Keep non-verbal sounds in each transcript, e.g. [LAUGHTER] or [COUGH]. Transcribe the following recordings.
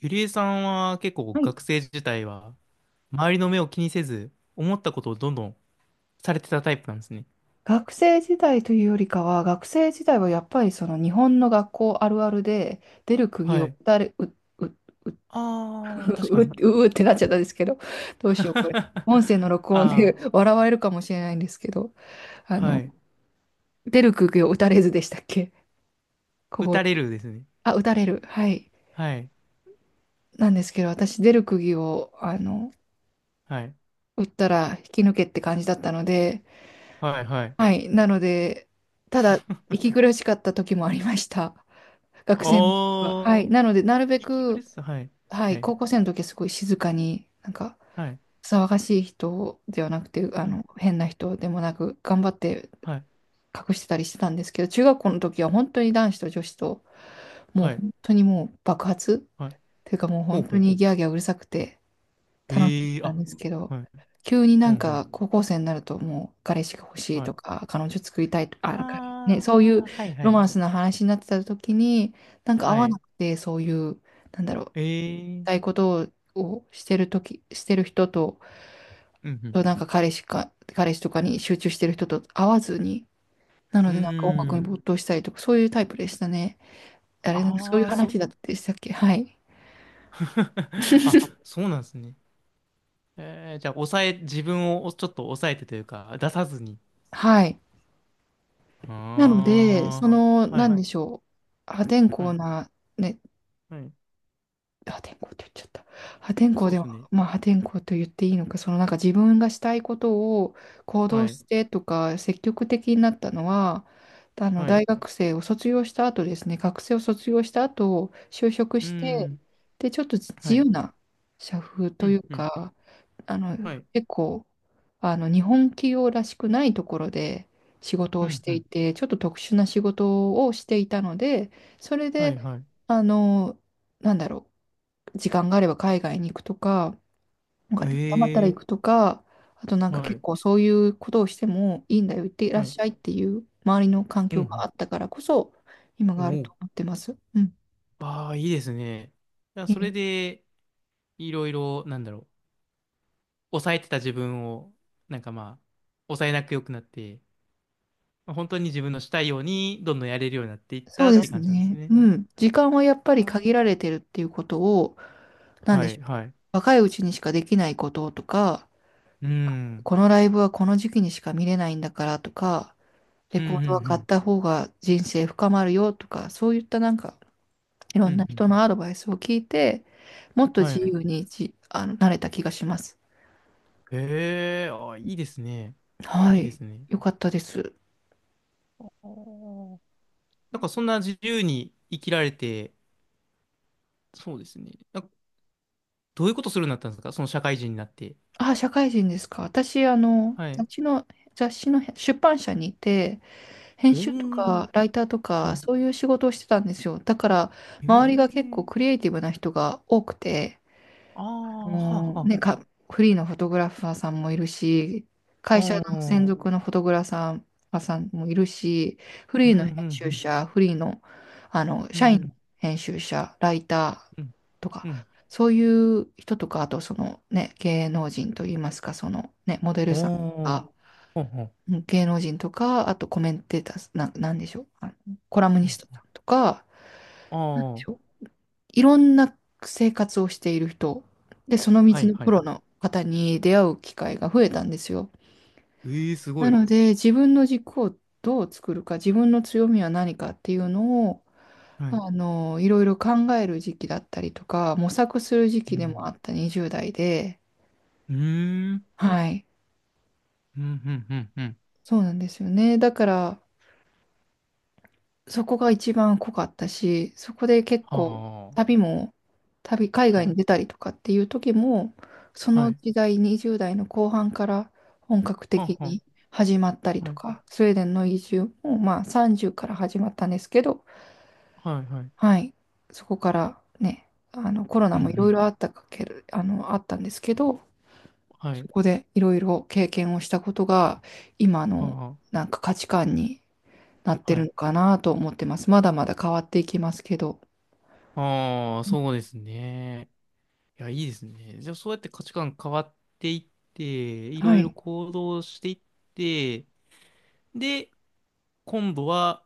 ゆりえさんは結構はい、学生時代は周りの目を気にせず思ったことをどんどんされてたタイプなんですね。学生時代というよりかは、学生時代はやっぱりその日本の学校あるあるで、出る釘はをい。打たれ、[LAUGHS] う、ああ、確かう、に。ううってなっちゃったんですけど、どうしよう、これ。音声 [LAUGHS] の録音で あ [LAUGHS] 笑われるかもしれないんですけど、あ、あはの、い。出る釘を打たれずでしたっけ小打声。たれるですね。あ、打たれる。はい。はい。なんですけど、私、出る釘を、はい。打ったら引き抜けって感じだったので、はい。はい。はい。なので、ただ、[LAUGHS] 息苦しかった時もありました。学生の時は。おー、はい。なので、なるべ息苦しく、さ。はい。ははい、い。高校生の時はすごい静かに、はい。騒がしい人ではなくて、はい。変な人でもなく、頑張ってはい。隠してたりしてたんですけど、中学校の時は本当に男子と女子と、もうはい。本当にもう爆発っはい。ていうか、もうほ本う当ほう。にギャーギャーうるさくて、楽しみええー、なんあ、ですうけど、はい。急になほんうほう。か高校生になるともう彼氏が欲しいはとい。か、彼女作りたいとか、ね、あそういうあ、はい。はロい。マンスの話になってた時に、なんか合はわい。なくて、そういう、なんだろう、ええしたいー、ことをしてる時、してる人と、うんうん。と彼氏とかに集中してる人と合わずに、なうのでなんか音ー楽にん。没頭したりとか、そういうタイプでしたね。あれ、そういうああ、そ話う。だってしたっけ。はい。[LAUGHS] あ、[LAUGHS] そうなんですね。えー、じゃあ、自分をちょっと抑えてというか、出さずに。はい。なので、そあの、あ、はなんい、でしょう、破天は荒い、な、ね、はい。破天荒って言っちゃった。破天荒そうででも、すね。まあ破天荒と言っていいのか、そのなんか自分がしたいことを行は動い、してとか、積極的になったのは、あのはい。大う学生を卒業した後ですね、学生を卒業した後、就職ーして、ん、で、ちょっと自は由い。な社風うといん、ううん、か、あの、はい。結構、日本企業らしくないところで仕事うをしん、てういん、て、ちょっと特殊な仕事をしていたので、それはい、で、はい。あの、なんだろう。時間があれば海外に行くとか、おへ金が貯まったら行え、くとか、あとなんかは結い、構そういうことをしてもいいんだよ、行ってらっはい。しゃいっていう周りの環う境がん、あったからこそ、今うがん。あるおとお。思ってます。うん。ああ、いいですね。いや、えそれえ、で、いろいろ、なんだろう。抑えてた自分を、なんかまあ、抑えなく良くなって、本当に自分のしたいようにどんどんやれるようになっていっそたうっでてす感じなんですね。ね。うん。時間はやっぱあり限られーてるっていうことを、なんはでしい、ょう。はい。若いうちにしかできないこととか、うん。このライブはこの時期にしか見れないんだからとか、うレん、うコードは買っん、た方が人生深まるよとか、そういったなんかいろうん。うんん、なうん人のアドバイスを聞いて、もっとは自い。由にじ、あの、なれた気がします。ええーあ、いいですね。はいいでい。すね。よかったです。おーなんかそんな自由に生きられて、そうですね。なんかどういうことするようになったんですかその社会人になって。あ、社会人ですか。私、はい。雑誌の出版社にいて、編お集とー、かライターとか、はそういう仕事をしてたんですよ。だから、周りが結い。構クええリエイティブな人が多くて、ああ、はあ、もはうね、あ。か、フリーのフォトグラファーさんもいるし、会社のお専ー、属のフォトグラファーさんもいるし、フうリん、ーうん、の編う集ん、者、フリーの、あのう社員ん、の編集者、ライタうん、ーとか、うん。そういう人とか、あとそのね、芸能人といいますか、そのね、モデルおさんとー、か、ほんほんうん芸能人とか、あとコメンテーター、なんでしょう、あのコラムニストあさんとか、あなんでー、しょう、いろんな生活をしている人、で、そのは道いのはプい。ロの方に出会う機会が増えたんですよ。ええすごない。ので、自分の軸をどう作るか、自分の強みは何かっていうのを、はい。あの、いろいろ考える時期だったりとか、模索する時う期でもあん。った20代で、うーん。はい、うん、うん、うん、うん。そうなんですよね。だから、そこが一番濃かったし、そこで結構は旅も、旅、あ。海は外にい。出たりとかっていう時も、そはのい。時代、20代の後半から本格は的あ、はに始まったりあ。はとい。か、スウェーデンの移住も、まあ30から始まったんですけど、はい、はい。はい、そこからね、あのコロナうん、うもいろいん。ろあったかけるあの、あったんですけど、はそい。こでいろいろ経験をしたことが、今はのあ。なんか価値観になってはるい。のかなと思ってます。まだまだ変わっていきますけど。ああ、そうですね。いや、いいですね。じゃあ、そうやって価値観変わっていって、いはろいろい。行動していって、で、今度は、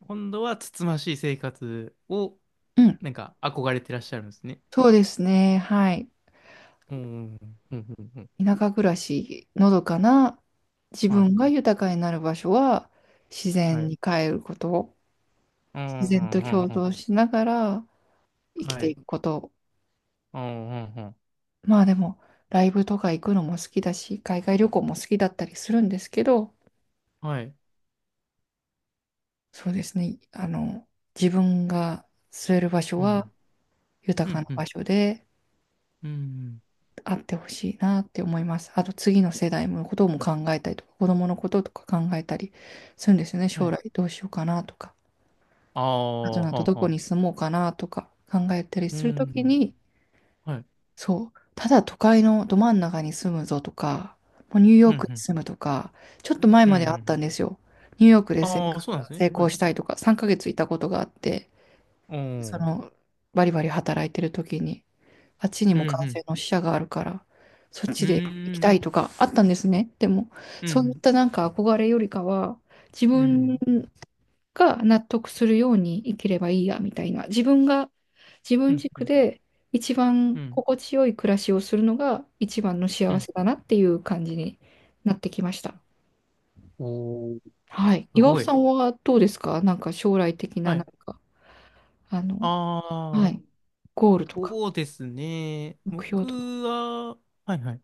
今度は、つつましい生活を、うん。なんか、憧れてらっしゃるんですね。そうですね。はい。うん、うん、うん、うん。うん田舎暮らし、のどかな自は分がい。豊かになる場所は自は然い。に帰ること、う自んう然とんうん共うん。存しながら生きはていい。くこと。うんうんうん。まあでも、ライブとか行くのも好きだし、海外旅行も好きだったりするんですけど、はい。そうですね。あの、自分が据える場所うはん。う豊かんなうん。場所で、うん。あってほしいなって思います。あと次の世代のことも考えたりとか、子供のこととか考えたりするんですよね。は将い。来どうしようかなとか、ああとあ、はなとあどはこにあ。住もうかなとか考えたりうするときん。に、はい。そう、ただ都会のど真ん中に住むぞとか、もうニューうヨんーうクにん。住むとか、ちょっと前うんうまんうであったんん。ですよ。ニューヨークでああ、そうなんです成ね。は功い。したいとか、3ヶ月いたことがあって、おそお。の、バリバリ働いてる時に、あっちにうんも感う染ん。の死者があるから、そっちうで行きたん。いとかあったんですね。でも、うそういっん。たなんか憧れよりかは、自うん。う分ん。が納得するように生きればいいや、みたいな。自分が、自う分ん。う軸ん。で一う番ん心地よい暮らしをするのが一番のう幸んせだなっていう感じになってきました。おおー、はい。す岩尾ごい。さんはどうですか、なんか将来的な、はなんい。か、あの、あはい、あ、ゴールとか、そうですね。目標僕とか。は、はいはい。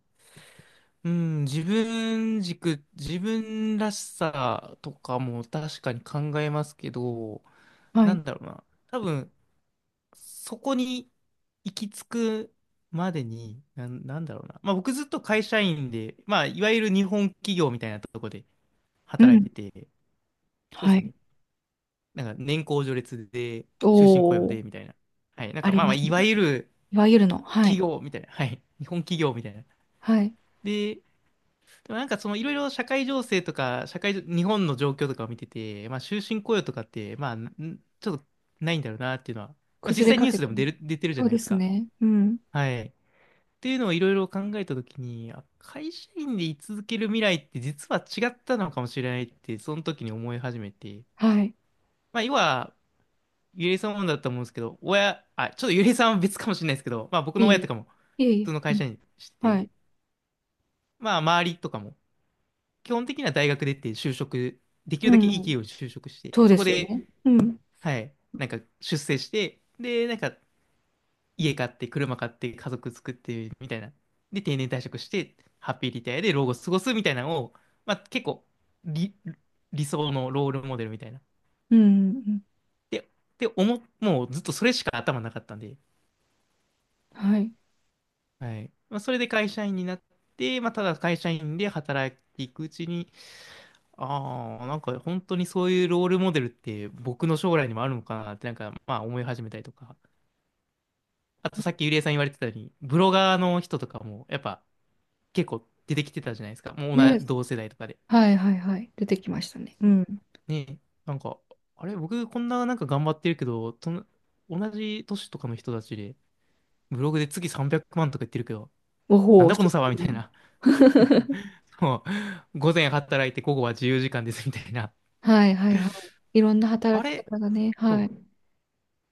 うん、自分軸、自分らしさとかも確かに考えますけど、はない。んだろうな。多分、そこに行き着くまでに、なんだろうな。まあ僕ずっと会社員で、まあいわゆる日本企業みたいなとこでう働ん。いてて、そうではすい。ね。なんか年功序列で、終身雇用おで、ー。みたいな。はい。なんあかりまあままあ、すいね。わゆるいわゆるの。は企い。業みたいな。はい。日本企業みたいな。はい。で、でもなんかそのいろいろ社会情勢とか、社会、日本の状況とかを見てて、まあ終身雇用とかって、まあ、ちょっとないんだろうなっていうのは、まあ実崩れ際かニューけスでてもます。出てるじゃそうないでですすか。ね。うん。はい。っていうのをいろいろ考えたときに、あ会社員で居続ける未来って実は違ったのかもしれないって、その時に思い始めて、はい。まあ要は、ゆりえさんもだったと思うんですけど、親、あ、ちょっとゆりえさんは別かもしれないですけど、まあ僕いの親とえかもいえ。いえい普え。通のう会ん。社員してはて、い。まあ周りとかも、基本的には大学出て就職、できうるだけいいん。企業に就職して、そうそでこすよで、ね。うん。はい、なんか出世して、で、なんか家買って、車買って、家族作って、みたいな。で、定年退職して、ハッピーリタイアで老後過ごすみたいなのを、まあ結構、理、理想のロールモデルみたいな。うん。うん。で、で、もうずっとそれしか頭なかったんで、はい。はい。まあ、それで会社員になって、まあただ会社員で働いていくうちに、ああ、なんか本当にそういうロールモデルって僕の将来にもあるのかなってなんかまあ思い始めたりとか。あとさっきゆりえさん言われてたように、ブロガーの人とかもやっぱ結構出てきてたじゃないですか。もう同じね。ね。同世代とかで。はいはいはい。出てきましたね。うん。ねえ、なんか、あれ、僕こんななんか頑張ってるけど、同じ年とかの人たちで、ブログで月300万とか言ってるけど、おなほんう、だこその差はうみいうたいの。 な。[LAUGHS] もう、午前働いて午後は自由時間ですみたいな。はいはいはい。いろんなあ働きれ、方がね。そはう。い。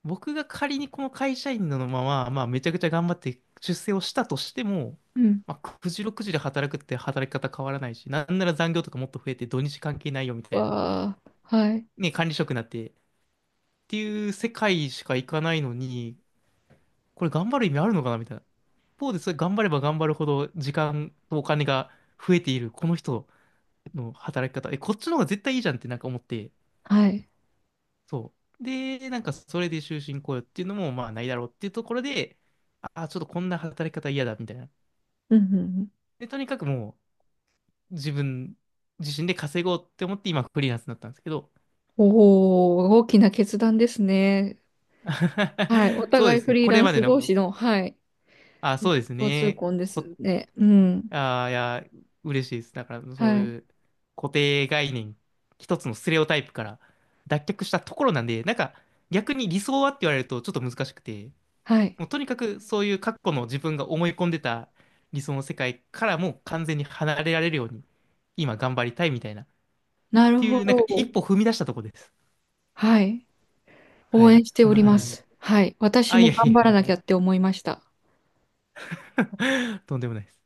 僕が仮にこの会社員のまま、まあ、めちゃくちゃ頑張って出世をしたとしても、うん。まあ、9時6時で働くって働き方変わらないし、なんなら残業とかもっと増えて土日関係ないよみたいな、わあ。はい。ね、管理職になってっていう世界しか行かないのに、これ頑張る意味あるのかなみたいな。一方でそれ頑張れば頑張るほど時間とお金が増えているこの人の働き方、え、こっちの方が絶対いいじゃんってなんか思って、はい。そう。で、なんかそれで終身雇用っていうのもまあないだろうっていうところで、ああ、ちょっとこんな働き方嫌だみたいな。うんうんうん。で、とにかくもう自分自身で稼ごうって思って今フリーランスになったんですけど、おお、大きな決断ですね。はい。お [LAUGHS] そう互でいすフね。リーこラれンまでスの、同士の、はい。あ、そうです交通ね。婚ですね。うん。あ、いや、嬉しいです。だからそうはい。いう固定概念、一つのステレオタイプから脱却したところなんで、なんか逆に理想はって言われるとちょっと難しくて、はい。もうとにかくそういう過去の自分が思い込んでた理想の世界からもう完全に離れられるように今頑張りたいみたいなっなるてほいうなんか一ど。歩踏み出したとこです。はい。は応い。援してそおんなり感まじです。す。はい。私あ、いもや頑い張らやいなきゃって思いました。や、[LAUGHS] とんでもないです。